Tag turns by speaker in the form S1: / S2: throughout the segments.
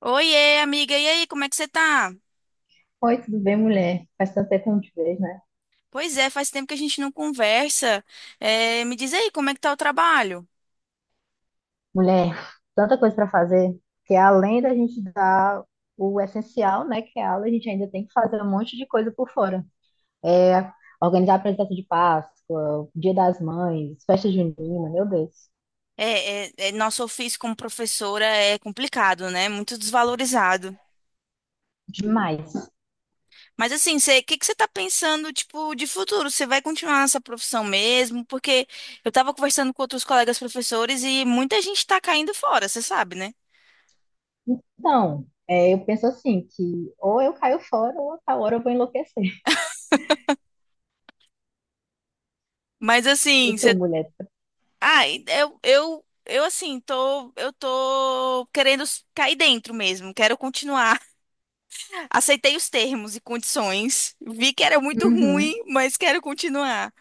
S1: Oiê, amiga, e aí, como é que você tá?
S2: Oi, tudo bem, mulher? Faz tanto tempo que não te vejo, né?
S1: Pois é, faz tempo que a gente não conversa. É, me diz aí, como é que tá o trabalho?
S2: Mulher, tanta coisa para fazer, que além da gente dar o essencial, né, que é a aula, a gente ainda tem que fazer um monte de coisa por fora. É, organizar a apresentação de Páscoa, Dia das Mães, festa junina, meu Deus,
S1: É, nosso ofício como professora é complicado, né? Muito desvalorizado.
S2: demais.
S1: Mas assim, o que que você tá pensando, tipo, de futuro? Você vai continuar nessa profissão mesmo? Porque eu tava conversando com outros colegas professores e muita gente tá caindo fora, você sabe, né?
S2: Então, é, eu penso assim, que ou eu caio fora ou a tal hora eu vou enlouquecer.
S1: Mas
S2: E
S1: assim,
S2: tu,
S1: você...
S2: mulher?
S1: Ai, eu assim, eu tô querendo cair dentro mesmo, quero continuar. Aceitei os termos e condições, vi que era muito ruim,
S2: Uhum,
S1: mas quero continuar.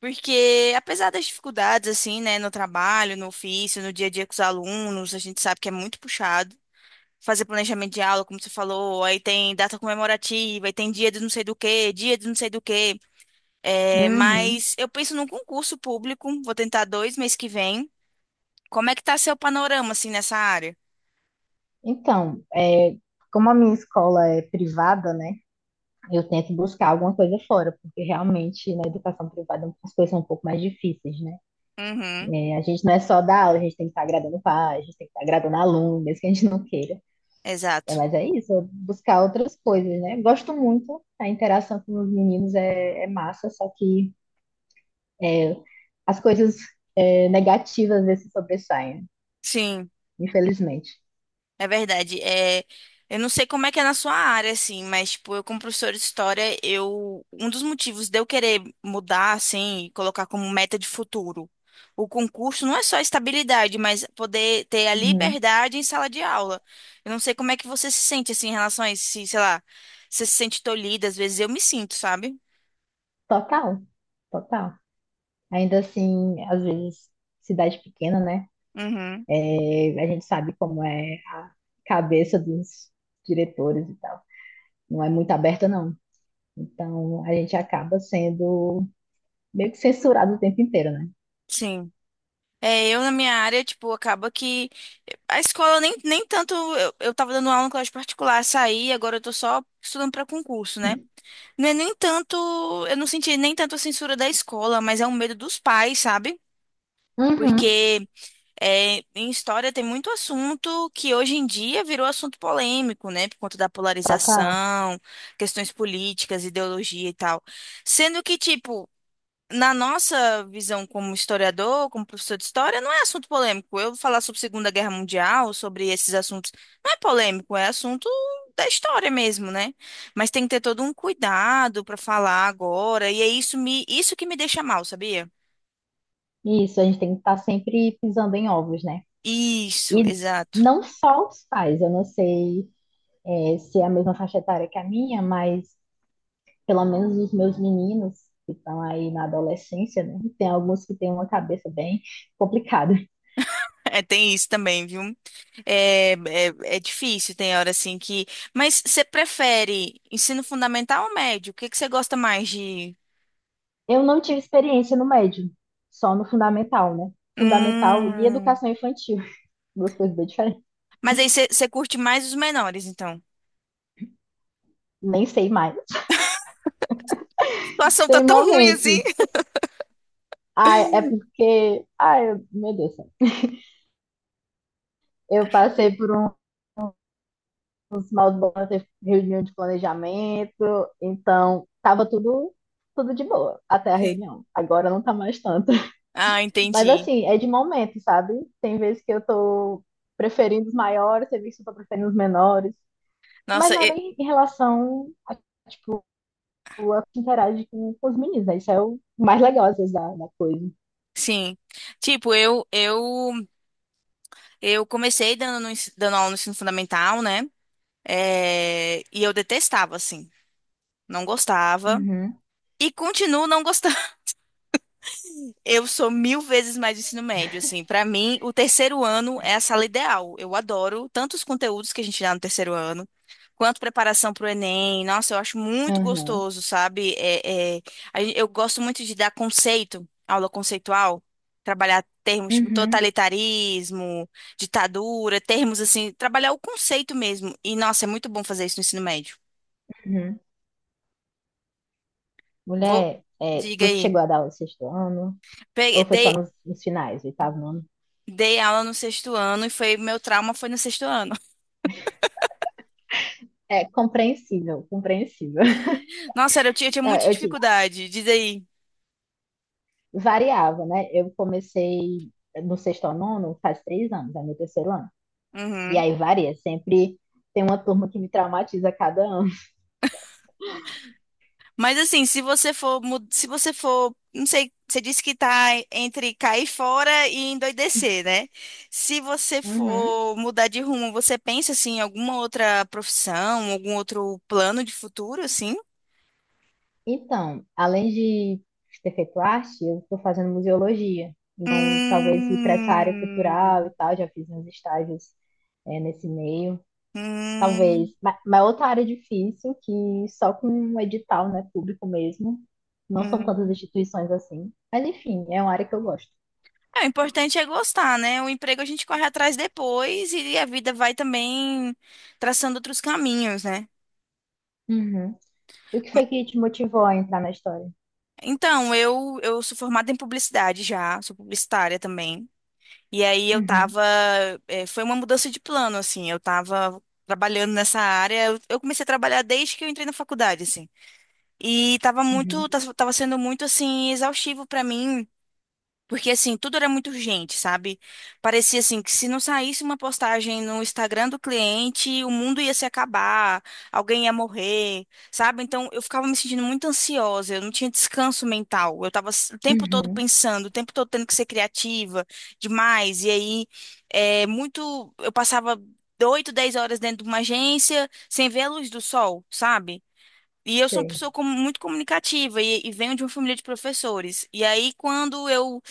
S1: Porque, apesar das dificuldades, assim, né, no trabalho, no ofício, no dia a dia com os alunos, a gente sabe que é muito puxado. Fazer planejamento de aula, como você falou, aí tem data comemorativa, aí tem dia de não sei do quê, dia de não sei do quê. É,
S2: uhum.
S1: mas eu penso num concurso público, vou tentar dois mês que vem. Como é que tá seu panorama, assim, nessa área?
S2: Então, é, como a minha escola é privada, né? Eu tento buscar alguma coisa fora, porque realmente na educação privada as coisas são um pouco mais difíceis, né?
S1: Uhum,
S2: É, a gente não é só dar aula, a gente tem que estar agradando o pai, a gente tem que estar agradando o aluno, mesmo que a gente não queira. É,
S1: exato.
S2: mas é isso, buscar outras coisas, né? Gosto muito, a interação com os meninos é massa, só que é, as coisas negativas às vezes se sobressaem,
S1: Sim.
S2: infelizmente.
S1: É verdade. É, eu não sei como é que é na sua área, assim, mas, tipo, eu como professora de história, eu, um dos motivos de eu querer mudar, assim, e colocar como meta de futuro o concurso não é só a estabilidade, mas poder ter a
S2: Uhum.
S1: liberdade em sala de aula. Eu não sei como é que você se sente, assim, em relação a isso, se, sei lá, você se sente tolhida, às vezes eu me sinto, sabe?
S2: Total, total. Ainda assim, às vezes, cidade pequena, né?
S1: Uhum.
S2: É, a gente sabe como é a cabeça dos diretores e tal. Não é muito aberta, não. Então, a gente acaba sendo meio que censurado o tempo inteiro, né?
S1: Sim. É, eu na minha área, tipo, acaba que a escola nem tanto. Eu tava dando aula em colégio particular, saí, agora eu tô só estudando pra concurso, né? Não é nem tanto. Eu não senti nem tanto a censura da escola, mas é um medo dos pais, sabe?
S2: Uhum,
S1: Porque é, em história tem muito assunto que hoje em dia virou assunto polêmico, né? Por conta da
S2: total.
S1: polarização, questões políticas, ideologia e tal. Sendo que, tipo, na nossa visão como historiador, como professor de história, não é assunto polêmico. Eu falar sobre Segunda Guerra Mundial, sobre esses assuntos, não é polêmico, é assunto da história mesmo, né? Mas tem que ter todo um cuidado para falar agora, e é isso que me deixa mal, sabia?
S2: Isso, a gente tem que estar sempre pisando em ovos, né?
S1: Isso,
S2: E
S1: exato.
S2: não só os pais, eu não sei, se é a mesma faixa etária que a minha, mas pelo menos os meus meninos que estão aí na adolescência, né? Tem alguns que têm uma cabeça bem complicada.
S1: É, tem isso também, viu? É difícil, tem hora assim que. Mas você prefere ensino fundamental ou médio? O que que você gosta mais de.
S2: Eu não tive experiência no médio, só no fundamental, né? Fundamental e
S1: Hum.
S2: educação infantil, duas coisas bem diferentes.
S1: Mas aí você curte mais os menores, então.
S2: Nem sei mais.
S1: A situação tá
S2: Tem
S1: tão ruim assim.
S2: momentos. Ah, é porque, ai, meu Deus do céu. Eu passei por uns maus bons teve reunião de planejamento, então tava tudo, tudo de boa até a
S1: Sim.
S2: reunião. Agora não tá mais tanto.
S1: Ah,
S2: Mas
S1: entendi.
S2: assim, é de momento, sabe? Tem vezes que eu tô preferindo os maiores, tem vezes que eu tô preferindo os menores. Mas
S1: Nossa,
S2: não é nem em relação a tipo, ela interage com os meninos, né? Isso é o mais legal, às vezes, da coisa.
S1: sim. Tipo, eu comecei dando aula no ensino fundamental, né? É, e eu detestava, assim. Não gostava.
S2: Uhum,
S1: E continuo não gostando. Eu sou mil vezes mais do ensino médio, assim. Para mim, o terceiro ano é a sala ideal. Eu adoro tanto os conteúdos que a gente dá no terceiro ano, quanto preparação para o Enem. Nossa, eu acho muito
S2: uhum,
S1: gostoso, sabe? Eu gosto muito de dar conceito, aula conceitual, trabalhar termos tipo
S2: uhum,
S1: totalitarismo, ditadura, termos assim, trabalhar o conceito mesmo. E, nossa, é muito bom fazer isso no ensino médio.
S2: uhum.
S1: Vou,
S2: Mulher,
S1: diga
S2: tu
S1: aí.
S2: chegou a dar aula no sexto ano? Ou foi só
S1: Dei,
S2: nos finais, oitavo ano?
S1: dei aula no sexto ano e foi meu trauma foi no sexto ano.
S2: É compreensível, compreensível.
S1: Nossa, sério, eu tinha
S2: Não,
S1: muita
S2: eu, digo,
S1: dificuldade, diz aí.
S2: variava, né? Eu comecei no sexto ao nono faz 3 anos, é meu terceiro ano. E
S1: Uhum.
S2: aí varia, sempre tem uma turma que me traumatiza a cada ano.
S1: Mas assim, se você for, se você for, não sei, você disse que tá entre cair fora e endoidecer, né? Se você
S2: Uhum.
S1: for mudar de rumo, você pensa assim, em alguma outra profissão, algum outro plano de futuro, assim?
S2: Então, além de ter feito arte, eu estou fazendo museologia. Então, talvez ir para essa área
S1: Hum,
S2: cultural e tal, já fiz uns estágios, nesse meio. Talvez,
S1: hum,
S2: mas outra área difícil, que só com um edital, né, público mesmo, não são tantas
S1: hum.
S2: instituições assim. Mas, enfim, é uma área que eu gosto.
S1: É, o importante é gostar, né? O emprego a gente corre atrás depois e a vida vai também traçando outros caminhos, né?
S2: Uhum. E o que foi que te motivou a entrar na história?
S1: Então, eu sou formada em publicidade já, sou publicitária também. E aí eu
S2: Uhum,
S1: tava. Foi uma mudança de plano, assim. Eu tava trabalhando nessa área. Eu comecei a trabalhar desde que eu entrei na faculdade, assim. E tava
S2: uhum,
S1: muito. Tava sendo muito, assim, exaustivo pra mim. Porque, assim, tudo era muito urgente, sabe? Parecia, assim, que se não saísse uma postagem no Instagram do cliente, o mundo ia se acabar, alguém ia morrer, sabe? Então, eu ficava me sentindo muito ansiosa, eu não tinha descanso mental. Eu tava o tempo todo
S2: uhum,
S1: pensando, o tempo todo tendo que ser criativa demais. E aí, é muito. Eu passava 8 10 horas dentro de uma agência sem ver a luz do sol, sabe? E eu sou uma
S2: sei.
S1: pessoa muito comunicativa e venho de uma família de professores. E aí, quando eu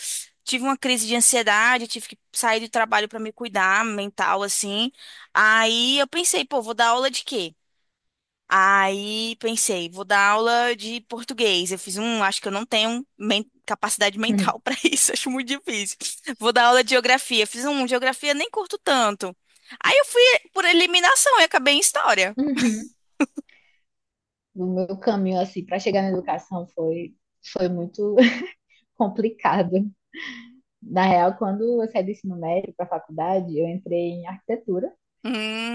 S1: tive uma crise de ansiedade, tive que sair do trabalho para me cuidar mental, assim. Aí eu pensei, pô, vou dar aula de quê? Aí pensei, vou dar aula de português. Eu fiz um, acho que eu não tenho capacidade
S2: Uhum.
S1: mental para isso, acho muito difícil. Vou dar aula de geografia. Fiz um, geografia nem curto tanto. Aí eu fui por eliminação e acabei em história.
S2: Uhum. O meu caminho, assim, para chegar na educação foi muito complicado. Na real, quando eu saí do ensino médio para a faculdade, eu entrei em arquitetura.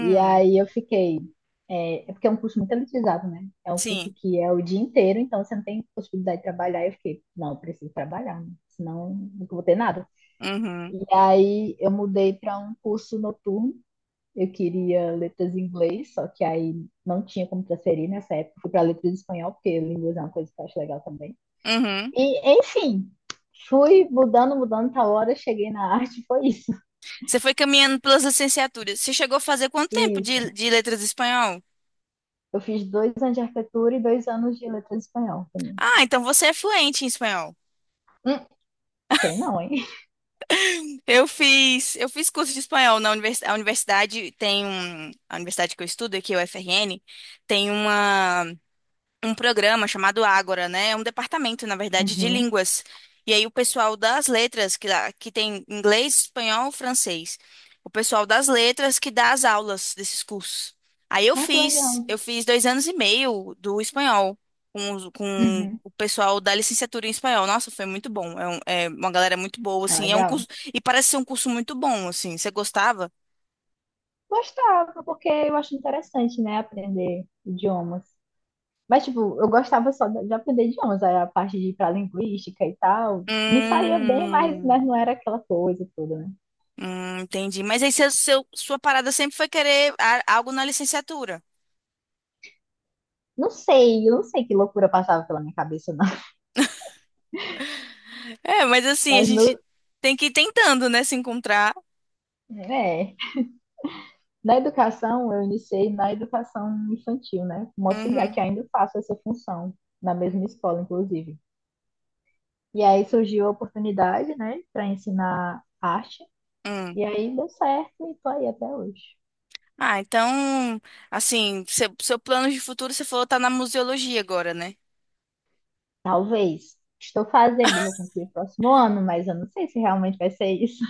S2: E aí eu fiquei. É porque é um curso muito elitizado, né? É um curso
S1: sim.
S2: que é o dia inteiro, então você não tem possibilidade de trabalhar. Eu fiquei, não, eu preciso trabalhar, né, senão nunca vou ter nada.
S1: Uhum,
S2: E aí eu mudei para um curso noturno. Eu queria letras em inglês, só que aí não tinha como transferir nessa época. Fui para letras em espanhol, porque línguas é uma coisa que eu acho legal também.
S1: uhum.
S2: E, enfim, fui mudando, mudando, tal hora, cheguei na arte, foi isso.
S1: Você foi caminhando pelas licenciaturas. Você chegou a fazer quanto tempo
S2: Isso.
S1: de letras em espanhol?
S2: Eu fiz 2 anos de arquitetura e 2 anos de letras em espanhol também.
S1: Ah, então você é fluente em espanhol.
S2: Hum, sei não, hein?
S1: Eu fiz curso de espanhol na universidade. A universidade tem um, a universidade que eu estudo aqui, o UFRN, tem uma um programa chamado Ágora, né? É um departamento, na verdade, de
S2: Uhum.
S1: línguas. E aí o pessoal das letras, que, que tem inglês, espanhol, francês. O pessoal das letras que dá as aulas desses cursos. Aí
S2: Ah, que legal.
S1: eu fiz dois anos e meio do espanhol com, com
S2: Uhum.
S1: o pessoal da licenciatura em espanhol. Nossa, foi muito bom. É, é uma galera muito boa,
S2: Ah,
S1: assim. É um
S2: legal.
S1: curso, e parece ser um curso muito bom, assim. Você gostava?
S2: Gostava, porque eu acho interessante, né, aprender idiomas. Mas, tipo, eu gostava só de aprender idiomas, aí a parte de ir pra linguística e tal. Me saía bem, mas,
S1: Hum.
S2: mas não era aquela coisa toda, né?
S1: Entendi. Mas aí sua parada sempre foi querer algo na licenciatura.
S2: Não sei, eu não sei que loucura passava pela minha cabeça, não.
S1: É, mas assim, a
S2: Mas no,
S1: gente tem que ir tentando, né, se encontrar.
S2: é, Na educação, eu iniciei na educação infantil, né? Como auxiliar,
S1: Uhum.
S2: que ainda faço essa função, na mesma escola, inclusive. E aí surgiu a oportunidade, né, para ensinar arte,
S1: Hum.
S2: e aí deu certo e tô aí até hoje.
S1: Ah, então, assim, seu plano de futuro, você falou, tá na museologia agora, né?
S2: Talvez. Estou fazendo, vou concluir próximo ano, mas eu não sei se realmente vai ser isso.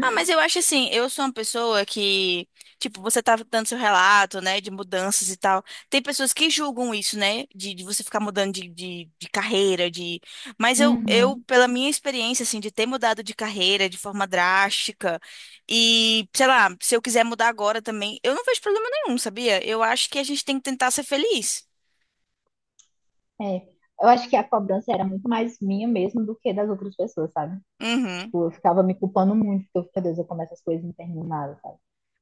S1: Ah, mas eu acho assim, eu sou uma pessoa que, tipo, você tava dando seu relato, né, de mudanças e tal. Tem pessoas que julgam isso, né, de você ficar mudando de carreira, de... Mas eu,
S2: Uhum,
S1: pela minha experiência, assim, de ter mudado de carreira de forma drástica e, sei lá, se eu quiser mudar agora também, eu não vejo problema nenhum, sabia? Eu acho que a gente tem que tentar ser feliz.
S2: é. Eu acho que a cobrança era muito mais minha mesmo do que das outras pessoas, sabe?
S1: Uhum.
S2: Tipo, eu ficava me culpando muito, porque meu Deus, eu começo as coisas e não termino nada, sabe?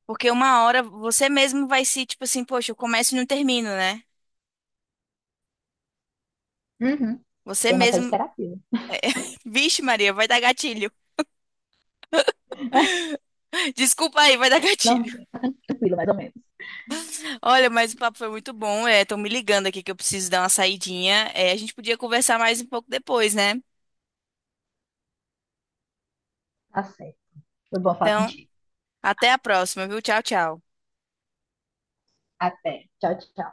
S1: Porque uma hora você mesmo vai se, tipo assim, poxa, eu começo e não termino, né?
S2: Uhum.
S1: Você
S2: Tema até de
S1: mesmo...
S2: terapia.
S1: Vixe, Maria, vai dar gatilho. Desculpa aí, vai dar
S2: Não,
S1: gatilho.
S2: tranquilo, mais ou menos.
S1: Olha, mas o papo foi muito bom. É, estão me ligando aqui que eu preciso dar uma saidinha. É, a gente podia conversar mais um pouco depois, né?
S2: Tá certo. Foi bom falar
S1: Então,
S2: contigo.
S1: até a próxima, viu? Tchau, tchau.
S2: Até. Tchau, tchau.